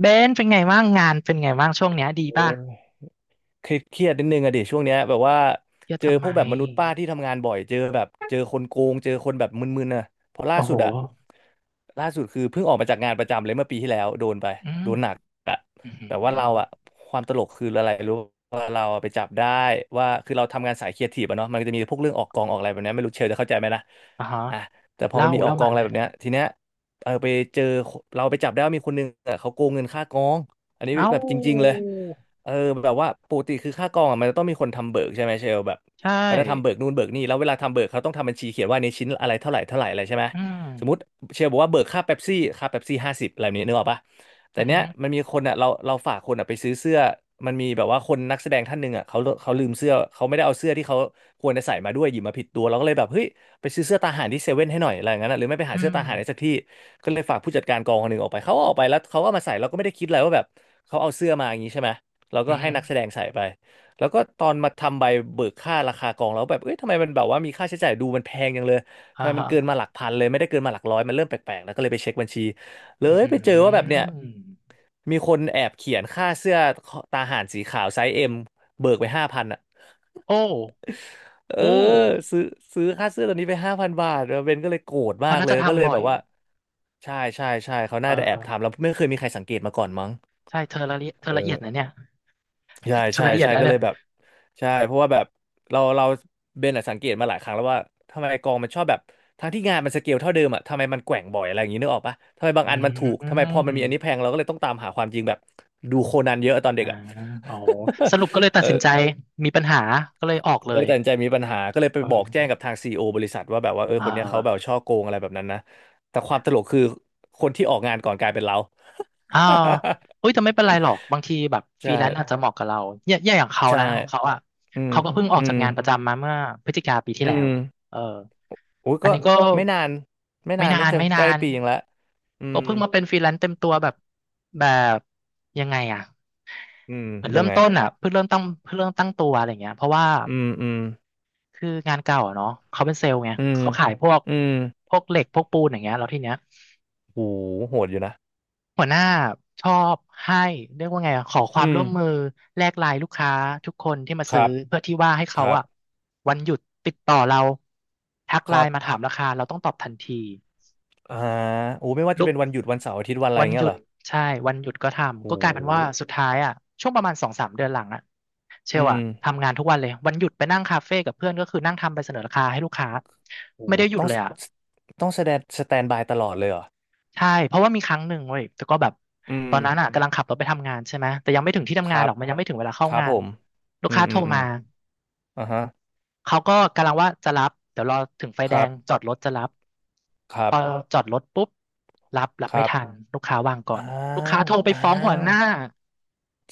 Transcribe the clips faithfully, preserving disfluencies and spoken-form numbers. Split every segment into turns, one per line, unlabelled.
เบนเป็นไงบ้างงานเป็นไงบ้างช่วงเนี้ยดี
โอ
ป่ะ
้เครียดเครียดนิดนึงอะดิช่วงเนี้ยแบบว่า
เยอะ
เจอ
ทำ
พ
ไม
วกแบบมนุษย์ป้าที่ทำงานบ่อยเจอแบบเจอคนโกงเจอคนแบบมึนๆอะเพราะล่า
โอ้
สุ
โห
ดอะล่าสุดคือเพิ่งออกมาจากงานประจำเลยเมื่อปีที่แล้วโดนไป
อืม
โดนหนักอะ
อือหือ
แบบว่าเราอะความตลกคืออะไรรู้ว่าเราอะไปจับได้ว่าคือเราทำงานสายครีเอทีฟอะเนาะมันก็จะมีพวกเรื่องออกกองออกอะไรแบบเนี้ยไม่รู้เชลจะเข้าใจไหมนะ
อ่าฮะ
อ่ะแต่พอ
เล่า
มันมีออ
เล่า
กกอ
มา
งอะ
เล
ไร
ย
แบบเนี้ยทีเนี้ยเออไปเจอเราไปจับได้ว่ามีคนนึงอะเขาโกงเงินค่ากองอันนี้
เอ้า
แบบจริงๆเลย เออแบบว่าปกติคือค่ากองอะมันจะต้องมีคนทำเบิกใช่ไหมเชลแบบ
ใช่
เขาจะทำเบิกนู่นเบิกนี่แล้วเวลาทำเบิกเขาต้องทำบัญชีเขียนว่าในชิ้นอะไรเท่าไหร่เท่าไหร่อะไรใช่ไหม
อืม
สมมติเชลบอกว่าเบิกค่าเป๊ปซี่ค่าเป๊ปซี่ห้าสิบอะไรแบบนี้นึกออกปะแต่
อือ
เนี้
หื
ย
อ
มันมีคนอ่ะเราเราฝากคนอ่ะไปซื้อเสื้อมันมีแบบว่าคนนักแสดงท่านหนึ่งอ่ะเขาเขาลืมเสื้อเขาไม่ได้เอาเสื้อที่เขาควรจะใส่มาด้วยหยิบมาผิดตัวเราก็เลยแบบเฮ้ยไปซื้อเสื้อตาห่านที่เซเว่นให้หน่อยอะไรอย่างนั้นอะหรือไม่ไป
อื
หาเสื้อ
ม
ตาห่านในสักที่ก็เลยฝากผู้จัดการกองคนหนึ่งออกไปเขาก็ออกไปแล้วเขาก็มาใส่เราก็ไม่ได้คิดอะไรว่าแบบเขาเอาเสื้อมาอย่างนี้ใช่ไหม แล้ว
อื
ก็
อ
ให้
หือ
นักแสดงใส่ไปแล้วก็ตอนมาทำใบเบิกค่าราคากองแล้วแบบเอ้ยทำไมมันแบบว่ามีค่าใช้จ่ายดูมันแพงจังเลย
อ่า
ทำไมมั
ฮะ
นเกินมาหลักพันเลยไม่ได้เกินมาหลักร้อยมันเริ่มแปลกๆแล้วก็เลยไปเช็คบัญชีเล
อือ
ย
หื
ไปเจอว่าแบบเนี่ย
อ
มีคนแอบเขียนค่าเสื้อตาห่านสีขาวไซส์เอ็มเบิกไปห้าพันอ่ะ
โอ้
เออ
โอ้
ซื้อซื้อค่าเสื้อตัวนี้ไปห้าพันบาทแล้วเบนก็เลยโกรธมา
เขา
ก
น่า
เลย
จะ
ก็เล
ทำ
ย
บ่อ
แบ
ย
บว่าใช่ใช่ใช่เขา
เอ
น่าจะแอบทำ
อ
แล้วไม่เคยมีใครสังเกตมาก่อนมั้ง
ใช่เธอละเอียดเธอ
เอ
ละเอีย
อ
ดนะเนี่ย
ใช่
เธอ
ใช่
ละเอียด
ใช่
นะ
ก็
เนี่
เล
ย
ยแบบใช่เพราะว่าแบบเราเราเบนอะสังเกตมาหลายครั้งแล้วว่าทำไมกองมันชอบแบบทั้งที่งานมันสเกลเท่าเดิมอะทำไมมันแกว่งบ่อยอะไรอย่างนี้นึกออกปะทำไมบาง
อื
อันมันถูกทำไมพอมันมี
ม
อันนี้แพงเราก็เลยต้องตามหาความจริงแบบดูโคนันเยอะตอนเด็
อ่า
กอะ
อ๋อสรุปก็เลย ตัดสินใจ
เออ
มีปัญหาก็เลยออกเล
ก็เล
ย
ยตัดสินใจมีปัญหาก็เลยไป
เอ
บอกแจ้
อ
งกับทางซีอีโอบริษัทว่าแบบว่าเออ
อ่
คนเนี้ยเขาแบบ
า
ช่อโกงอะไรแบบนั้นนะแต่ความตลกคือคนที่ออกงานก่อนกลายเป็นเรา
อ่าเฮ้ยแต่ไม่เป็นไรหรอกบางทีแบบ ฟรี
ใช่
แลนซ์อาจจะเหมาะกับเราเนี่ยเนี่ยอย่างเขา
ใช่
นะของเขาอ่ะ
อืม
เขาก็เพิ่งออ
อื
กจา
ม
กงานประจำมาเมื่อพฤศจิกาปีที่
อื
แล้ว
ม
เออ
อุ้ย
อัน
ก็
นี้ก็
ไม่นานไม่
ไม่
นาน
นา
นี่
น
จะ
ไม่
ใก
นา
ล้
น
ปียังละอื
ก็
ม
เพิ่งมาเป็นฟรีแลนซ์เต็มตัวแบบแบบยังไงอ่ะ
อืม
เหมือน
ยั
เริ่
ง
ม
ไง
ต้นอ่ะเพิ่งเริ่มตั้งเพิ่งเริ่มตั้งตัวอะไรเงี้ยเพราะว่า
อืมอืม
คืองานเก่าอ่ะเนาะเขาเป็นเซลล์ไง
อืม
เขาขายพวก
อืม
พวกเหล็กพวกปูนอย่างเงี้ยแล้วทีเนี้ย
โหโหดอยู่นะ
หัวหน้าชอบให้เรียกว่าไงอะขอควา
อื
ม
ม
ร่วมมือแลกไลน์ลูกค้าทุกคนที่มา
ค
ซื้อ
รับ
เพื่อที่ว่าให้
ค
เขา
รั
อะ
บ
วันหยุดติดต่อเราทัก
ค
ไล
รับ
น์มาถามราคาเราต้องตอบทันที
อ่าโอ้ไม่ว่าจะ
ลูก
เป็นวันหยุดวันเสาร์อาทิตย์วันอะไร
วั
อ
น
ย่าง
ห
เงี้
ยุ
ยเห
ด
รอ
ใช่วันหยุดก็
โ
ทำก็กลายเป็นว่า
ห
สุดท้ายอะช่วงประมาณสองสามเดือนหลังอะเชล
อื
อะ
ม
ทำงานทุกวันเลยวันหยุดไปนั่งคาเฟ่กับเพื่อนก็คือนั่งทำใบเสนอราคาให้ลูกค้า
โห
ไม่ได้หยุด
ต้อง
เลยอะ
ต้องแสดงสแตนบายตลอดเลยเหรอ
ใช่เพราะว่ามีครั้งหนึ่งเว้ยแต่ก็แบบ
อื
ตอนนั้นอ่ะ
ม
กำลังขับรถไปทำงานใช่ไหมแต่ยังไม่ถึงที่
ค
ทำงา
รั
นหร
บ
อก มันยังไม่ถึงเวลา
ค
เข้า
รับ
งา
ผ
น
ม
ลู
อื
ก
ม
ค้า
อื
โทร
มอืม
มา
อ่าฮะ
เขาก็กำลังว่าจะรับเดี๋ยวรอถึงไฟ
ค
แด
รั
ง
บ
จอดรถจะรับ
ครั
พอ
บ
จอดรถปุ๊บรับรับ
ค
ไม่
รับ
ทันลูกค้าวางก่อ
อ้า
นลูกค้า
ว
โทรไป
อ้า
ฟ้องหัว
ว
หน้า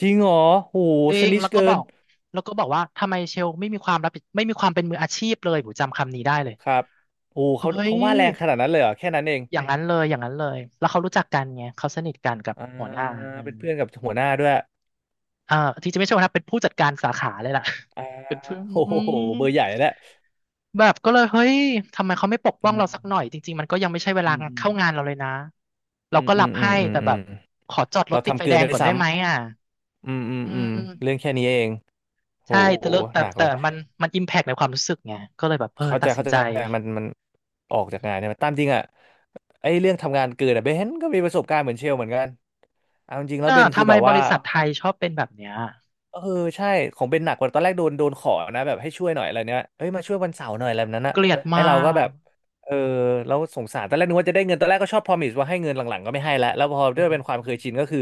จริงเหรอโห
เอ
ส
ง
นิช
แล้วก็
เกิ
บอ
น
กแล้วก็บอกว่าทำไมเชลไม่มีความรับผิดไม่มีความเป็นมืออาชีพเลยผมจำคำนี้ได้เลย
ครับโอ้
เฮ้
เขา
ย
เขาว่าแรงขนาดนั้นเลยเหรอแค่นั้นเอง
อย่างนั้นเลยอย่างนั้นเลยแล้วเขารู้จักกันไงเขาสนิทกันกับ
อ่า
หัวหน้าอื
เป็
ม
นเพื่อนกับหัวหน้าด้วย
เอ่อที่จะไม่ใช่หัวหน้าเป็นผู้จัดการสาขาเลยล่ะ
อ่า
เป็นผู้
โอ้
อื
โห
ม
เบอร์ใหญ่แล้ว
แบบก็เลยเฮ้ยทำไมเขาไม่ปกป้
อื
อง
ม
เราสักหน่อยจริงๆมันก็ยังไม่ใช่เว
อื
ลา
มอืม
เข้างานเราเลยนะ
อื
เรา
ม
ก็
อื
รั
ม
บ
อื
ให้
ม
แต่
อื
แบ
ม
บขอจอดร
เรา
ถติดไฟ
ทำเกิ
แด
น
ง
ด้วย
ก่อน
ซ้
ได้ไหมอ่ะ
ำอืมอืม
อื
อืมเรื่อง
ม
แค่นี้เองโอ้โห
ใช่แต่เลอะแต่
หนักเล
แต่
ย
มันมันอิมแพกในความรู้สึกไงก็เลยแบบเออ
เข้า
ตั
ใจ
ดสิน
เข้าใจ
ใจ
มันมันออกจากงานเนี่ยตามจริงอ่ะไอ้เรื่องทำงานเกินอ่ะเบนก็มีประสบการณ์เหมือนเชลเหมือนกันเอาจริงๆแล้ว
เน่ะ
เบนคื
ทำ
อ
ไม
แบบ
บ
ว่า
ริษัทไทยชอบเป็นแบบเนี้ย
เออใช่ของเบนหนักกว่าตอนแรกโดนโดนขอนะแบบให้ช่วยหน่อยอะไรเนี้ยเอ้ยมาช่วยวันเสาร์หน่อยอะไรแบบนั้นอะ
เกลียด
ไอ
มา
เราก็แบ
ก
บเออเราสงสารตอนแรกนึกว่าจะได้เงินตอนแรกก็ชอบพรอมิสว่าให้เงินหลังๆก็ไม่ให้แล้วแล้วพอด้
อื
วย
ม
เป็นความเคยชินก็คือ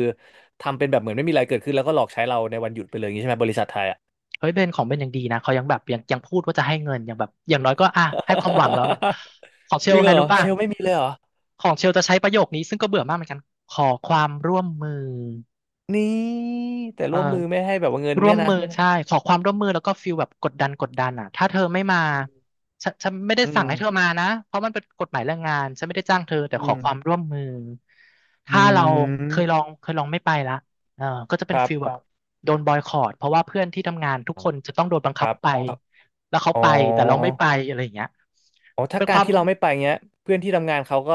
ทำเป็นแบบเหมือนไม่มีอะไรเกิดขึ้นแล้วก็หลอกใช้เราในวันหยุดไปเลยอย่างนี้ใช่ไหมบริษัทไทยอะ
เฮ้ยเบนของเบนยังดีนะเขายังแบบยังยังพูดว่าจะให้เงินยังแบบอย่างน้อยก็อ่ะให้ความหวังแล้วหน่อย ของเช
จ
ล
ริงเห
ไง
รอ
รู้ป่ะ
เชลไม่มีเลยเหรอ
ของเชลจะใช้ประโยคนี้ซึ่งก็เบื่อมากเหมือนกันขอความร่วมมือ
นี่แต่
เออ
ร่วมมือไม่ให้แบบว่าเงิน
ร่ว
เนี่
ม
ยนะ
มือใช่ขอความร่วมมือแล้วก็ฟีลแบบกดดันกดดันอ่ะถ้าเธอไม่มาฉันฉันไม่ได้
อื
สั่
ม
งให้เธอมานะเพราะมันเป็นกฎหมายแรงงานฉันไม่ได้จ้างเธอแต่
อื
ขอ
ม
ความร่วมมือ
อื
ถ้าเราเคยลอ
ม
งเคยลองไม่ไปละเออก็จะเป็นฟีลแบบโดนบอยคอตเพราะว่าเพื่อนที่ทำงานทุ
ค
ก
รั
ค
บ
นจะต้องโดนบัง
ค
คับ
รับ
ไปแล้วเขา
อ๋อ
ไปแต่เราไม่ไปอะไรอย่างเงี้ย
อ๋อถ้า
เป็น
กา
ค
ร
วาม
ที่
อึ
เรา
ด
ไม่ไปเงี้ยเพื่อนที่ทำงานเขาก็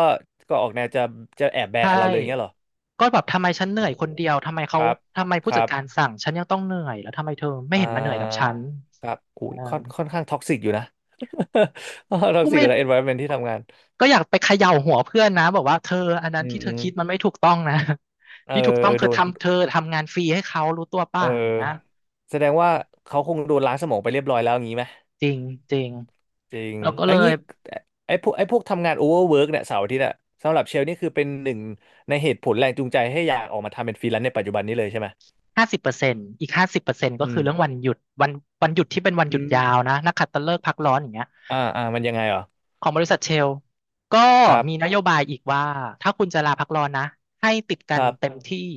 ก็ออกแนวจะจะแอบแบ
ใช่
นเราเลยเงี้ยเหรอ
ก็แบบทำไมฉันเห
โอ้
นื่
โห
อยคนเดียวทำไม
ค
เขา
รับ
ทำไม
ค
ผู้
รั
จัดการ
บ
สั่งฉันยังต้องเหนื่อยแล้วทำไมเธอไม่
อ่
เห็นมาเหนื่อยกับฉั
า
น
ครับอุ้ย
อ่า
ค่อนค่อนข้างท็อกซิกอยู่นะ ท็อ
ก็
กซิก
ไม่
กับ environment ที่ทำงาน
ก็อยากไปเขย่าหัวเพื่อนนะบอกว่าเธออันนั้
อื
น
ม
ที่เธ
อื
อ
ม
คิดมันไม่ถูกต้องนะ
เออ
ที่ถูกต้อ
เอ
ง
อ
คื
โด
อ
น
ทำเธอทำงานฟรีให้เขารู้ตัวป่ะ
เออ
อย่างเงี้ย
แสดงว่าเขาคงโดนล้างสมองไปเรียบร้อยแล้วอย่างนี้ไหม
จริงจริง
จริง
เราก็
แล้ว
เลย
งี้ไอ้พวกไอ้พวกทำงานโอเวอร์เวิร์กเนี่ยเสาร์อาทิตย์อะสำหรับเชลนี่คือเป็นหนึ่งในเหตุผลแรงจูงใจให้อยากออกมาทำเป็นฟรีแลนซ์ในปัจจุบันนี้เลยใช่ไหม
ห้าสิบเปอร์เซ็นต์อีกห้าสิบเปอร์เซ็นต์ก็
อื
คื
ม
อเรื่องวันหยุดวันวันหยุดที่เป็นวันหยุ
อื
ด
ม
ยาวนะนักขัตฤกษ์พักร้อนอย่างเงี้ย
อ่าอ่ามันยังไงเหรอ
ของบริษัทเชลก็
ครั
มีน
บ
โยบายอีกว่าถ้าคุณจะลาพักร้อนนะให้ติด
ค
กัน
รั
เต็ม
บ
ที่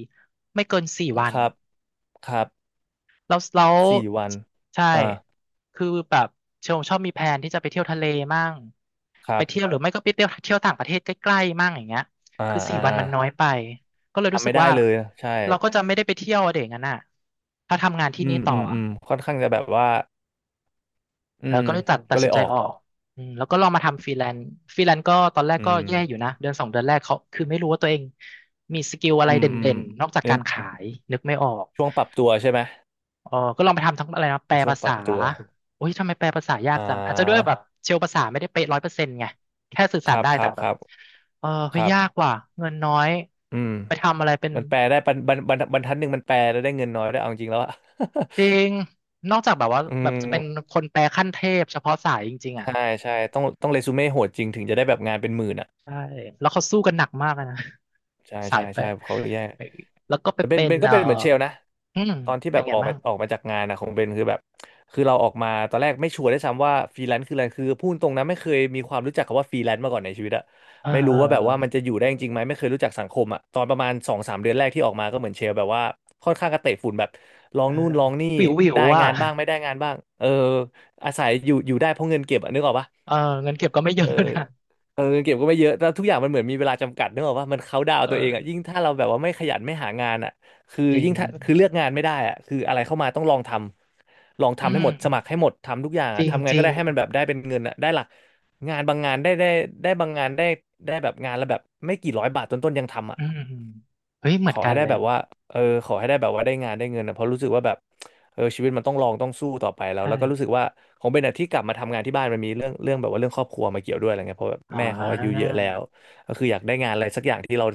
ไม่เกินสี่วั
ค
น
รับครับ
แล้วแล้ว
สี่วัน
ใช่
อ่า
คือแบบเชมชอบมีแผนที่จะไปเที่ยวทะเลมั่ง
ค
ไป
รับ
เที่ยวหรือไม่ก็ไปเที่ยวเที่ยวต่างประเทศใกล้ๆมั่งอย่างเงี้ย
อ่า
คือสี่
อ่า
วัน
อ่า
มันน้อยไปก็เลยรู้
ทำ
สึ
ไม่
ก
ได้
ว่า
เลยใช่
เราก็จะไม่ได้ไปเที่ยวอะเด็กงั้นน่ะถ้าทำงานที่
อื
นี่
ม
ต่อ
อืมอืม
อะ
ค่อนข้างจะแบบว่าอื
เออ
ม
ก็เลยตัดตั
ก็
ด
เล
สิน
ย
ใจ
ออก
ออกอืมแล้วก็ลองมาทำฟรีแลนซ์ฟรีแลนซ์ก็ตอนแรก
อื
ก็แย่อยู่
ม
นะเดือนสองเดือนแรกเขาคือไม่รู้ว่าตัวเองมีสกิลอะ
อื
ไรเด
มอืม
่นๆนอกจาก
ยั
กา
ง
รขายนึกไม่ออก
ช่วงปรับตัวใช่ไหม
เออก็ลองไปทำทั้งอะไรนะแป
เป็
ล
นช่วง
ภา
ป
ษา
รับตัว
โอ้ยทำไมแปลภาษายา
อ่
กจังอาจจะด้วยแบ
า
บเชลภาษาไม่ได้เป๊ะร้อยเปอร์เซ็นต์ไงแค่สื่อ
ค
สาร
รับ
ได้
ค
แต่
รับ
แบ
ค
บ
รับ
เออเฮ้
ค
ย
รับ
ยากว่ะเงินน้อย
อืม
ไปทำอะไรเป็น
มันแปลได้บรรบรรบรรบรรทัดหนึ่งมันแปลแล้วได้เงินน้อยได้วยเอาจริงแล้วอะ
จริงนอกจากแบบว่า
อื
แบบ
ม
จะเป็นคนแปลขั้นเทพเฉพาะสายจริงๆอ่ะ
ใช่ใช่ต้องต้องเรซูเม่โหดจริงถึงจะได้แบบงานเป็นหมื่นอ่ะ
ใช่แล้วเขาสู้กันหนักมากเลยนะ
ใช่
สา
ใช่
ยแปล
ใช่เขาแย่
เออแล้วก็ไป
แต่เบน
เป็น
เบนก็
เออ
เป็นเหมือนเชลนะ
อืม
ตอนที่แบ
เป็น
บ
ไง
ออก
บ้า
มา
ง
ออกมาจากงานนะของเบนคือแบบคือเราออกมาตอนแรกไม่ชัวร์ด้วยซ้ำว่าฟรีแลนซ์คืออะไรคือพูดตรงนะไม่เคยมีความรู้จักคำว่าฟรีแลนซ์มาก่อนในชีวิตอะ
เออ
ไม่
เอ
รู้ว่าแบบว่ามัน
อ
จะอยู่ได้จริงไหมไม่เคยรู้จักสังคมอะตอนประมาณสองสามเดือนแรกที่ออกมาก็เหมือนเชลแบบว่าค่อนข้างกระเตะฝุ่นแบบลอง
เออ
นู่นลองนี่
วิววิว
ได้
ๆอ่ะ
งานบ้างไม่ได้งานบ้างเอออาศัยอยู่อยู่ได้เพราะเงินเก็บอะนึกออกปะ
เออเงินเก็บก็ไม่เย
เออ
อะนะ
เออเงินเก็บก็ไม่เยอะแต่ทุกอย่างมันเหมือนมีเวลาจำกัดนึกออกว่ามันเขาน์ดาวน์ตัวเองอ่ะ
เออ
ยิ่งถ้าเราแบบว่าไม่ขยันไม่หางานอ่ะคือ
จริ
ยิ่ง
ง
ถ้าคือเลือกงานไม่ได้อ่ะคืออะไรเข้ามาต้องลองทำลอง
อื
ทำให้หม
ม
ดสมัครให้หมดทำทุกอย่าง
จ
อ่ะ
ริง
ทำไง
จ
ก็
ริง
ได้ให้มันแบบได้เป็นเงินอ่ะได้หลักงานบางงานได้ได้ได้บางงานได้ได้แบบงานละแบบไม่กี่ร้อยบาทต้นๆยังทำอ่ะ
อืมเฮ้ยเห
ข
มือน
อ
กั
ให้
น
ได้
เลย
แบบว่าเออขอให้ได้แบบว่าได้งานได้เงินนะเพราะรู้สึกว่าแบบเออชีวิตมันต้องลองต้องสู้ต่อไปแล้ว
ใช่
แล้วก็รู้สึกว่าของเบนอะที่กลับมาทำงานที่บ้านมันมีเรื่องเรื่องแบบว่าเรื่องครอบครัวมาเกี่ยวด้วยอะไรเงี้ยเพราะแบบ
อ่
แม่เขาอายุเย
า
อะแล้วก็คืออยากได้งานอะไรสักอย่างที่เรา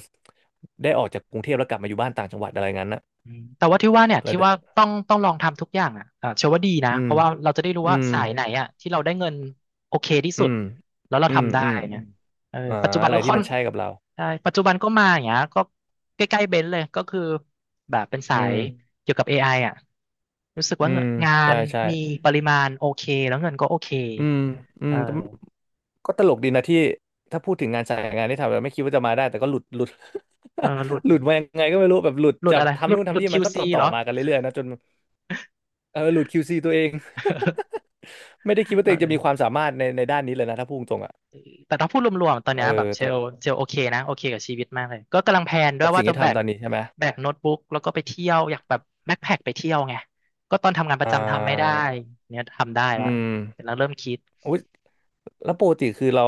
ได้ออกจากกรุงเทพแล้วกลับมาอยู่บ้านต่างจังหวัดอะไรงั้นนะ
อืมแต่ว่าที่ว่าเนี่ย
แล้ว
ที่
เด
ว่าต้องต้องลองทำทุกอย่างอ่ะอ่าเชื่อว่าดีนะ
อื
เพ
ม
ราะว่าเราจะได้รู้
อื
ว่า
ม
สายไหนอ่ะที่เราได้เงินโอเคที่
อื
สุด
ม
แล้วเรา
อืม
ทำได้
อืม
อย่าง
อ
เงี้ยเออ
มอ่า
ปัจจุบัน
อะไร
ก็
ที่
ค่อ
มั
น
นใช่กับเรา
ใช่ปัจจุบันก็มาอย่างเงี้ยก็ใกล้ๆเบนซ์เลยก็คือแบบเป็นสา
อื
ย
ม
เกี่ยวกับเอไออ่ะรู้สึก
อื
ว่าเงิ
ม
นงา
ใช่
น
ใช่
มีปริมาณโอเคแล้วเงินก็โอเค
อืมอื
เอ
ม
อ
ก็ตลกดีนะที่ถ้าพูดถึงงานสายงานที่ทำแล้วไม่คิดว่าจะมาได้แต่ก็หลุดหลุด
เออหลุด
หลุดมายังไงก็ไม่รู้แบบหลุด
หลุด
จับ
อะไรห
ทำ
ลุด
นู่น
หลุ
ทำ
ด
นี่มันก็
คิว ซี
ต่อต่
เห
อ
รอ
มากันเรื่อยๆนะจนเออหลุด คิว ซี ตัวเอง ไม่ได้คิดว่าตัวเองจะมีควา
เออ
มสามารถในในด้านนี้เลยนะถ้าพูดตรงๆอ่ะ
แต่ถ้าพูดรวมๆตอน
เอ
เนี้ยแบ
อ
บเช
แต่
ลเชลโอเคนะโอเคกับชีวิตมากเลยก็กำลังแพลนด้ว
กั
ย
บสิ่
ว่า
ง
จะ
ที่
แบก
ทำตอนนี้ใช่ไหม
แบกโน้ตบุ๊กแล้วก็ไปเที่ยวอยากแบบแบ็คแพ็คไปเที่ยวไงก็ตอนทำงานประ
อ่
จำทำไม่ได้
า
เนี่ยทำได้
อื
แล้ว
ม
เ็แล้วเริ่มคิด
อุ๊ยแล้วปกติคือเรา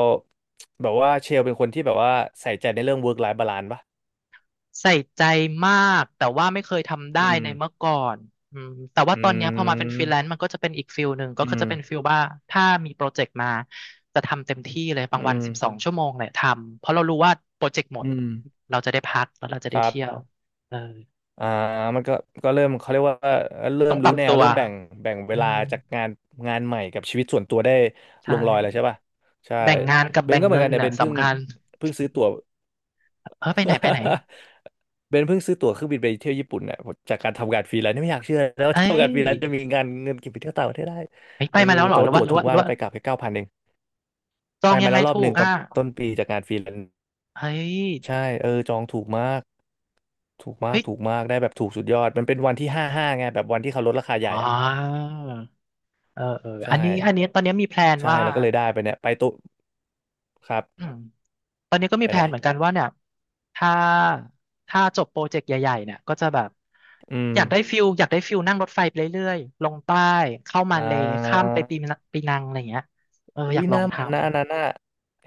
แบบว่าเชลเป็นคนที่แบบว่าใส่ใจในเรื่อง work life balance ปะ
ใส่ใจมากแต่ว่าไม่เคยทำได้
อืม
ในเมื่อก่อนอืมแต่ว่า
อื
ตอนเนี้ยพอมาเป็นฟรีแลน
ม
ซ์มันก็จะเป็นอีกฟิลหนึ่งก็
อื
คือ
ม
จะเป็นฟิลว่าถ้ามีโปรเจกต์มาจะทำเต็มที่เลยบา
อื
งวัน
ม
สิบสองชั่วโมงเลยทำเพราะเรารู้ว่าโปรเจกต์หม
อื
ด
ม
เราจะได้พักแล้วเราจะ
ค
ได้
รั
เที่ยว
บ
เออ
อ่ามันก็ก็เริ่มเขาเรียกว่าเริ่
ต้อ
ม
งป
รู้
รับ
แนว
ตัว
เริ่มแบ่งแบ่งเว
อื
ลา
ม
จากงานงานใหม่กับชีวิตส่วนตัวได้ล
ใช่
งรอยแล้วใช่ป่ะใช่
แบ่งงานกับ
เบน
แบ่ง
ก็เหมือ
เงิ
นกั
น
นเนี่ยเบ
น่ะ
นเพิ่ง
สำคัญ
เพิ่งซื้อตั๋ว
เออไปไหนไปไหน
เบนเพิ่งซื้อตั๋วเครื่องบินไปเที่ยวญี่ปุ่นเนี่ยจากการทำงานฟรีแลนซ์ไม่อยากเชื่อแล้วา
เอ้
ทำงานฟรี
ย
แลนซ์จะมีงานเงินเก็บไปเที่ยวต่างประเทศได้
เฮ้ยไป
เออ
มาแล้วเหรอ
แต่
หรื
ว่า
อว่า
ตั๋ว
หรือ
ถูก
ว่าห
มา
รื
ก
อ
นะ
ว่า
ไปกลับไปเก้าพันเอง
จอ
ไป
งยั
มา
งไง
แล้วรอบ
ถู
หนึ่
ก
งตอน
อ่ะ
ต้นปีจากงานฟรีแลนซ์
เฮ้ย
ใช่เออจองถูกมากถูกมา
เฮ้
ก
ย
ถูกมากได้แบบถูกสุดยอดมันเป็นวันที่ห้าห้าไงแบบวันที่เขาลดราคาให
อ๋
ญ่
อ
อ่ะ
เออเอออัน
ใช่
นี้อันนี้ตอนนี้มีแพลน
ใช่
ว่า
แล้วก็เลยได้ไปเนี่ยไปตุครับ
อืมตอนนี้ก็มี
ไป
แพ
ไห
ล
น
นเหมือนกันว่าเนี่ยถ้าถ้าจบโปรเจกต์ใหญ่ๆเนี่ยก็จะแบบ
อืม
อยากได้ฟิลอยากได้ฟิลนั่งรถไฟไปเรื่อยๆ ลงใต้ เข้ามา
อ่
เลย์ข้ามไปปี
า
นังปีนังอะไรอย่างเงี้ยเออ
อุ้
อยา
ย
ก
ห
ลอ
น้า
งท
มันนะอันนั้นน่ะ
ำ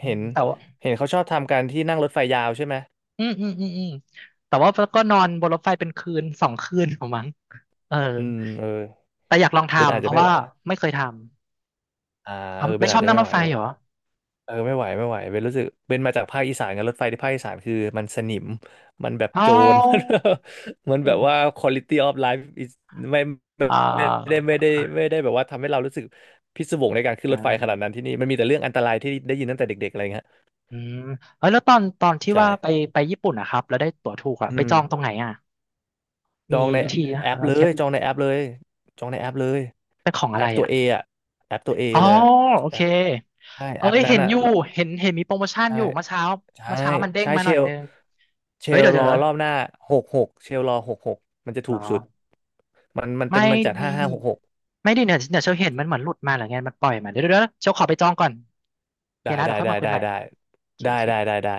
อื
เห็
ม
น
แต่ว่า
เห็นเขาชอบทำกันที่นั่งรถไฟยาวใช่ไหม
อืมอืมอืมอืมแต่ว่าก็นอนบนรถไฟเป็นคืนสองคืนของมั้งเออ
อืมเออ
แต่อยากลอง
เบนอา
ทำ
จ
เพ
จะ
ราะ
ไม่ไห
ว่า
ว
ไม่เคยทำ
อ่า
ออ
เออเบ
ไม่
น
ช
อา
อ
จ
บ
จะ
นั่ง
ไม่
ร
ไห
ถ
ว
ไฟเหรอ
เออไม่ไหวไม่ไหวเป็นรู้สึกเป็นมาจากภาคอีสานกันรถไฟที่ภาคอีสานคือมันสนิมมันแบบ
เอ้
โจร
า
มันแบบว่า quality of life is ไม่
อ่
ไม่ได้ไม่ได้
า
ไม่ได้แบบว่าทำให้เรารู้สึกพิศวงในการขึ้น
ใช่
รถไฟขนาดนั้นที่นี่มันมีแต่เรื่องอันตรายที่ได้ยินตั้งแต่เด็กๆอะไรเงี้ย
อืมเอ้ยแล้วตอนตอนที่ว่าไป
ใช่
ไปญี่ปุ่นนะครับแล้วได้ตั๋วถูกอะ
อื
ไปจ
ม
องตรงไหนอะ
จอ
มี
งใน
วิธีนะ
แอป
เรา
เล
เคล็
ย
ด
จองในแอปเลยจองในแอปเลย
เป็นของอะ
แอ
ไร
ปตัว
อะ
เออะแอปตัวเอ
อ๋อ
เลยอะ
โอ
แอ
เค
ปใช่
เอ้
แอป
ย
นั้
เห็
น
น
อะ
อยู่
แล้ว
เห็นเห็นมีโปรโมชั่น
ใช่
อยู่เมื่อเช้า
ใช่
เมื่อเช้ามันเด้ง
ใช่
มา
เช
หน่อย
ล
นึง
เช
เฮ้ย
ล
เดี๋ยว
ร
เดี๋
อ
ยว
รอบหน้าหกหกเชลรอหกหกมันจะ
เหร
ถู
อ
กสุดมันมันเป็
ไม่
นมันจัด
ดี
ห้าห้าหกหก
ไม่ดีเนี่ยเดี๋ยวเชลเห็นมันเหมือนหลุดมาหรือไงมันปล่อยมาเดี๋ยวเดี๋ยวเดี๋ยวเชลขอไปจองก่อนโอเค
ได้
นะเดี๋
ได้
ยวค่อย
ได้
มาคุย
ได้
ใหม่
ไ
โอเค
ด้
โอเค
ได้ได้ได้ได้